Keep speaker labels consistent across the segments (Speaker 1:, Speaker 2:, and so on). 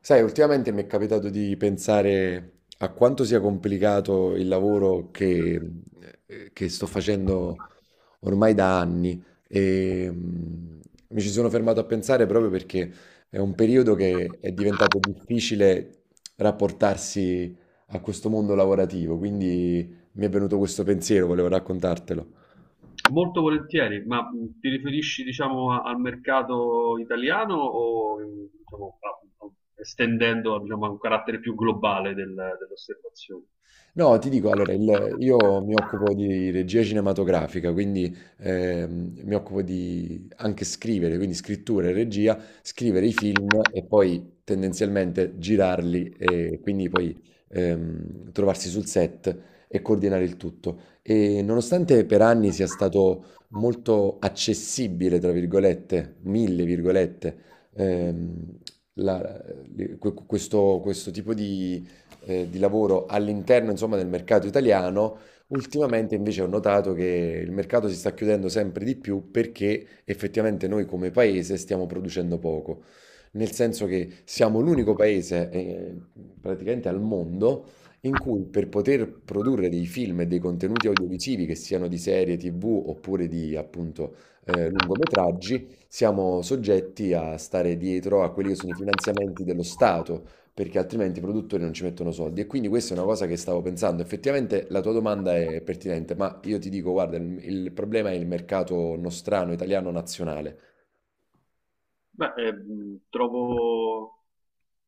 Speaker 1: Sai, ultimamente mi è capitato di pensare a quanto sia complicato il lavoro che sto facendo ormai da anni e mi ci sono fermato a pensare proprio perché è un periodo che è diventato difficile rapportarsi a questo mondo lavorativo, quindi mi è venuto questo pensiero, volevo raccontartelo.
Speaker 2: Molto volentieri, ma ti riferisci, diciamo, al mercato italiano o, diciamo, estendendo, diciamo, a un carattere più globale dell'osservazione?
Speaker 1: No, ti dico, allora, io mi occupo di regia cinematografica, quindi mi occupo di anche scrivere, quindi scrittura e regia, scrivere i film e poi tendenzialmente girarli e quindi poi trovarsi sul set e coordinare il tutto. E nonostante per anni sia stato molto accessibile, tra virgolette, mille virgolette, ehm, la- questo tipo di lavoro all'interno, insomma, del mercato italiano, ultimamente invece ho notato che il mercato si sta chiudendo sempre di più perché effettivamente noi come paese stiamo producendo poco. Nel senso che siamo l'unico paese, praticamente al mondo, in cui per poter produrre dei film e dei contenuti audiovisivi, che siano di serie TV oppure di appunto lungometraggi, siamo soggetti a stare dietro a quelli che sono i finanziamenti dello Stato, perché altrimenti i produttori non ci mettono soldi. E quindi questa è una cosa che stavo pensando. Effettivamente la tua domanda è pertinente, ma io ti dico, guarda, il problema è il mercato nostrano, italiano, nazionale.
Speaker 2: Beh, trovo,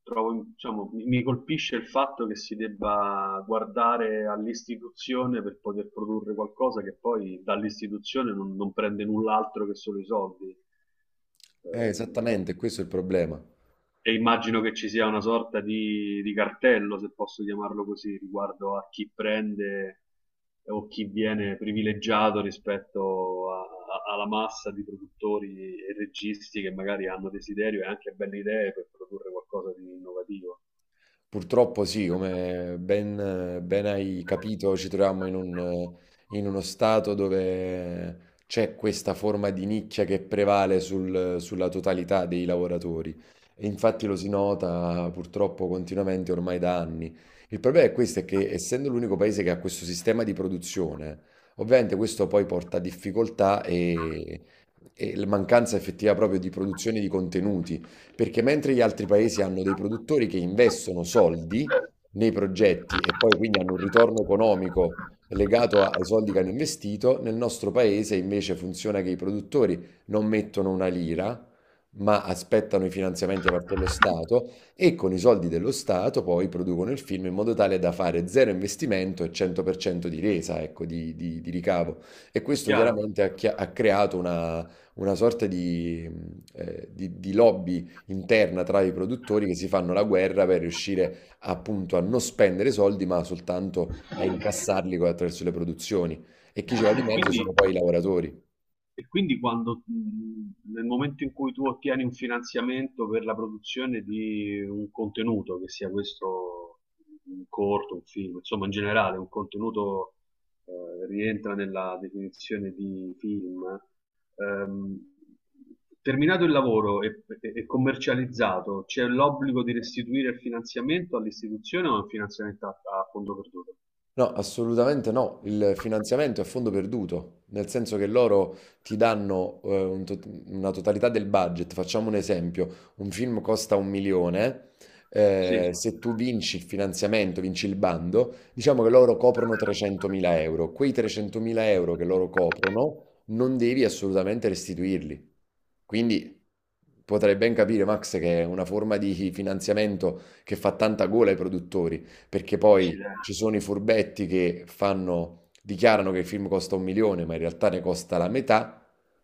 Speaker 2: trovo, diciamo, mi colpisce il fatto che si debba guardare all'istituzione per poter produrre qualcosa che poi dall'istituzione non prende null'altro che solo i soldi.
Speaker 1: È
Speaker 2: Ehm,
Speaker 1: esattamente questo è il problema.
Speaker 2: e immagino che ci sia una sorta di cartello, se posso chiamarlo così, riguardo a chi prende o chi viene privilegiato rispetto alla massa di produttori e registi che magari hanno desiderio e anche belle idee per produrre qualcosa di innovativo.
Speaker 1: Purtroppo sì, come ben hai capito, ci troviamo in uno stato dove c'è questa forma di nicchia che prevale sulla totalità dei lavoratori. E infatti lo si nota purtroppo continuamente ormai da anni. Il problema è questo, è che essendo l'unico paese che ha questo sistema di produzione, ovviamente questo poi porta a difficoltà, e la mancanza effettiva proprio di produzione di contenuti perché mentre gli altri paesi hanno dei produttori che investono soldi nei progetti e poi quindi hanno un ritorno economico legato ai soldi che hanno investito, nel nostro paese invece funziona che i produttori non mettono una lira, ma aspettano i finanziamenti da parte dello Stato e con i soldi dello Stato poi producono il film in modo tale da fare zero investimento e 100% di resa, ecco, di ricavo. E questo
Speaker 2: Chiaro?
Speaker 1: chiaramente ha creato una sorta di, di lobby interna tra i produttori che si fanno la guerra per riuscire appunto a non spendere soldi, ma soltanto a incassarli attraverso le produzioni. E chi ci va di
Speaker 2: E
Speaker 1: mezzo
Speaker 2: quindi
Speaker 1: sono poi i lavoratori.
Speaker 2: E quindi quando, nel momento in cui tu ottieni un finanziamento per la produzione di un contenuto, che sia questo un corto, un film, insomma in generale un contenuto rientra nella definizione di film, ehm, terminato il lavoro e, e commercializzato, c'è l'obbligo di restituire il finanziamento all'istituzione o è un finanziamento a, a fondo perduto?
Speaker 1: No, assolutamente no. Il finanziamento è a fondo perduto, nel senso che loro ti danno una totalità del budget. Facciamo un esempio: un film costa un milione.
Speaker 2: Sì,
Speaker 1: Se tu vinci il finanziamento, vinci il bando, diciamo che loro coprono 300.000 euro. Quei 300.000 euro che loro coprono non devi assolutamente restituirli. Quindi potrai ben capire, Max, che è una forma di finanziamento che fa tanta gola ai produttori, perché poi
Speaker 2: accidenti,
Speaker 1: ci sono i furbetti che dichiarano che il film costa un milione, ma in realtà ne costa la metà,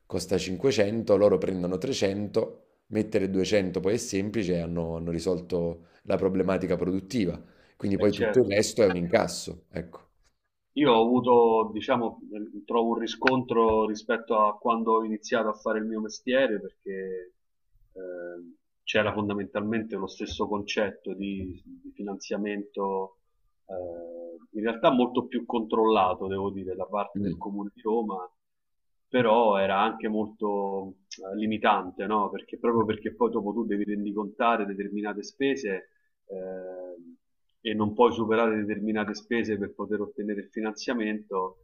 Speaker 1: costa 500, loro prendono 300, mettere 200 poi è semplice e hanno risolto la problematica produttiva. Quindi
Speaker 2: è
Speaker 1: poi tutto il
Speaker 2: certo.
Speaker 1: resto è un incasso, ecco.
Speaker 2: Io ho avuto, diciamo, trovo un riscontro rispetto a quando ho iniziato a fare il mio mestiere, perché eh, c'era fondamentalmente lo stesso concetto di finanziamento, in realtà molto più controllato, devo dire, da parte del
Speaker 1: Mm.
Speaker 2: Comune di Roma, però era anche molto limitante, no? Perché proprio perché poi dopo tu devi rendicontare determinate spese, eh, e non puoi superare determinate spese per poter ottenere il finanziamento.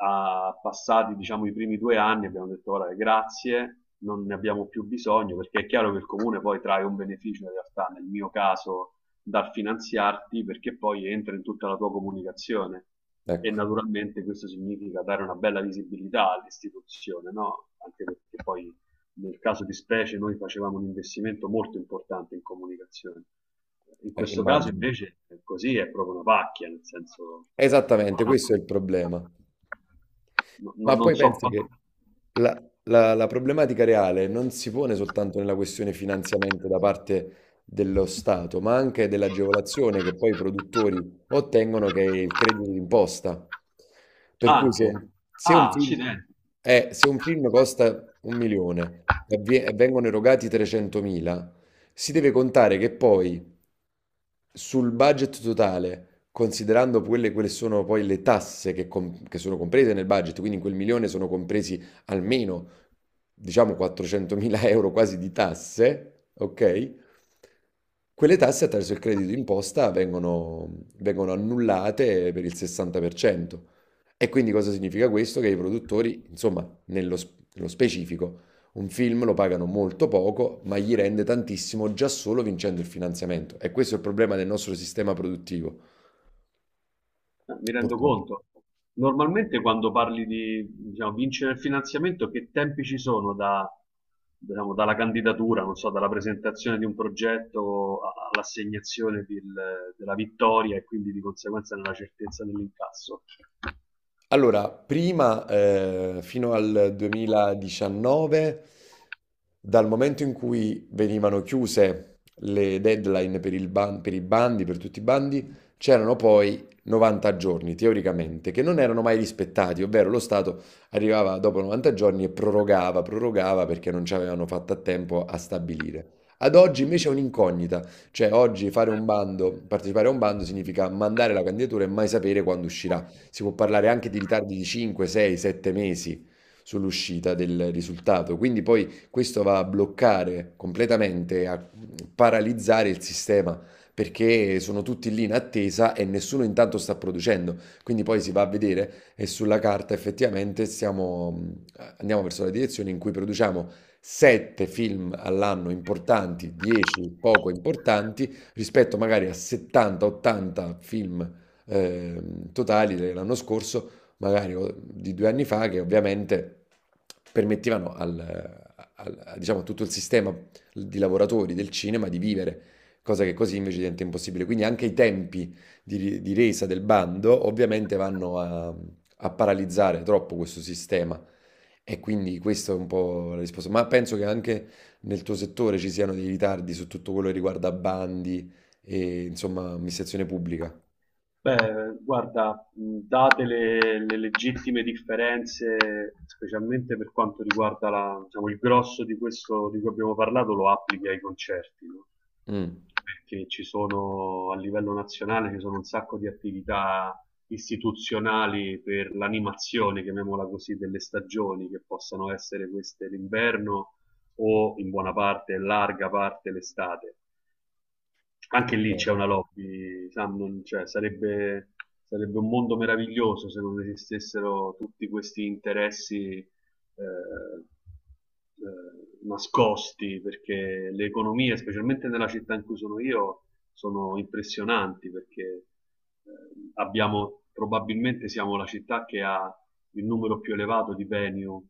Speaker 2: A passati diciamo i primi due anni abbiamo detto guarda grazie, non ne abbiamo più bisogno perché è chiaro che il comune poi trae un beneficio in realtà, nel mio caso dal finanziarti, perché poi entra in tutta la tua comunicazione e
Speaker 1: Ecco,
Speaker 2: naturalmente questo significa dare una bella visibilità all'istituzione, no? Anche perché poi nel caso di specie noi facevamo un investimento molto importante in comunicazione. In questo caso
Speaker 1: immagino.
Speaker 2: invece così è proprio una pacchia, nel senso,
Speaker 1: Esattamente, questo è il problema.
Speaker 2: no, no,
Speaker 1: Ma
Speaker 2: non
Speaker 1: poi
Speaker 2: so
Speaker 1: penso che
Speaker 2: quanto,
Speaker 1: la problematica reale non si pone soltanto nella questione finanziamento da parte dello Stato, ma anche dell'agevolazione che poi i produttori ottengono, che è il credito d'imposta. Per cui se
Speaker 2: anche,
Speaker 1: un, se un
Speaker 2: ah,
Speaker 1: film,
Speaker 2: accidenti.
Speaker 1: se un film costa un milione e vengono erogati 300.000, si deve contare che poi sul budget totale, considerando quelle, quelle sono poi le tasse che sono comprese nel budget, quindi in quel milione sono compresi almeno, diciamo, 400.000 euro quasi di tasse, ok? Quelle tasse attraverso il credito d'imposta vengono annullate per il 60%. E quindi cosa significa questo? Che i produttori, insomma, nello specifico, un film lo pagano molto poco, ma gli rende tantissimo già solo vincendo il finanziamento. E questo è il problema del nostro sistema produttivo,
Speaker 2: Mi rendo
Speaker 1: purtroppo.
Speaker 2: conto. Normalmente quando parli di, diciamo, vincere il finanziamento, che tempi ci sono da, diciamo, dalla candidatura, non so, dalla presentazione di un progetto all'assegnazione della vittoria e quindi di conseguenza nella certezza dell'incasso?
Speaker 1: Allora, prima, fino al 2019, dal momento in cui venivano chiuse le deadline per i bandi, per tutti i bandi, c'erano poi 90 giorni teoricamente che non erano mai rispettati, ovvero lo Stato arrivava dopo 90 giorni e prorogava, prorogava perché non ci avevano fatto a tempo a stabilire. Ad oggi
Speaker 2: Mm.
Speaker 1: invece è un'incognita, cioè oggi fare un bando, partecipare a un bando significa mandare la candidatura e mai sapere quando uscirà. Si può parlare anche di ritardi di 5, 6, 7 mesi sull'uscita del risultato, quindi poi questo va a bloccare completamente, a paralizzare il sistema perché sono tutti lì in attesa e nessuno intanto sta producendo. Quindi poi si va a vedere e sulla carta andiamo verso la direzione in cui produciamo 7 film all'anno importanti, 10 poco importanti, rispetto magari a 70-80 film totali dell'anno scorso, magari o di 2 anni fa, che ovviamente permettevano diciamo, a tutto il sistema di lavoratori del cinema di vivere, cosa che così invece diventa impossibile. Quindi anche i tempi di resa del bando ovviamente vanno a, a paralizzare troppo questo sistema. E quindi questa è un po' la risposta. Ma penso che anche nel tuo settore ci siano dei ritardi su tutto quello che riguarda bandi e insomma amministrazione pubblica.
Speaker 2: Beh, guarda, date le legittime differenze, specialmente per quanto riguarda diciamo, il grosso di questo di cui abbiamo parlato, lo applichi ai concerti, no?
Speaker 1: Mm.
Speaker 2: Perché ci sono a livello nazionale, ci sono un sacco di attività istituzionali per l'animazione, chiamiamola così, delle stagioni, che possano essere queste l'inverno o in buona parte, larga parte l'estate. Anche lì c'è una lobby, Sam, cioè, sarebbe, sarebbe un mondo meraviglioso se non esistessero tutti questi interessi nascosti, perché le economie, specialmente nella città in cui sono io, sono impressionanti perché eh, abbiamo probabilmente, siamo la città che ha il numero più elevato di venue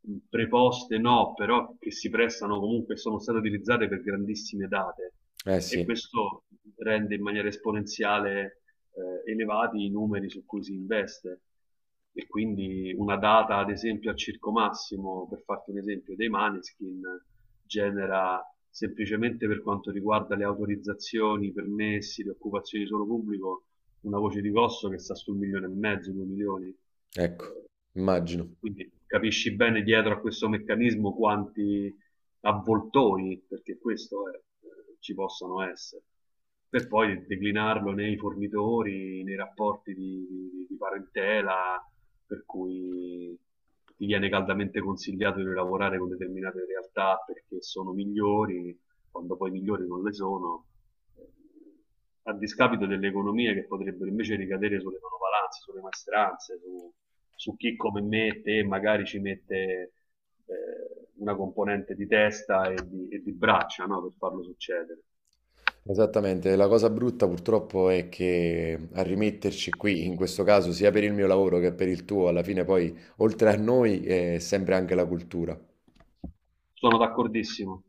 Speaker 2: preposte, no, però che si prestano comunque e sono state utilizzate per grandissime date,
Speaker 1: Eh
Speaker 2: e
Speaker 1: sì.
Speaker 2: questo rende in maniera esponenziale elevati i numeri su cui si investe. E quindi una data ad esempio al Circo Massimo, per farti un esempio, dei Maneskin genera, semplicemente per quanto riguarda le autorizzazioni, i permessi, le occupazioni di suolo pubblico, una voce di costo che sta su un milione e mezzo, due milioni.
Speaker 1: Ecco, immagino.
Speaker 2: Quindi capisci bene dietro a questo meccanismo quanti avvoltoi, perché questo è, ci possano essere, per poi declinarlo nei fornitori, nei rapporti di, di parentela, per cui ti viene caldamente consigliato di lavorare con determinate realtà perché sono migliori, quando poi migliori non le sono, eh, a discapito delle economie che potrebbero invece ricadere sulle manovalanze, sulle maestranze, su, su chi come me, te magari ci mette una componente di testa e di braccia, no, per farlo succedere.
Speaker 1: Esattamente. La cosa brutta purtroppo è che a rimetterci qui, in questo caso, sia per il mio lavoro che per il tuo, alla fine poi, oltre a noi, è sempre anche la cultura.
Speaker 2: Sono d'accordissimo.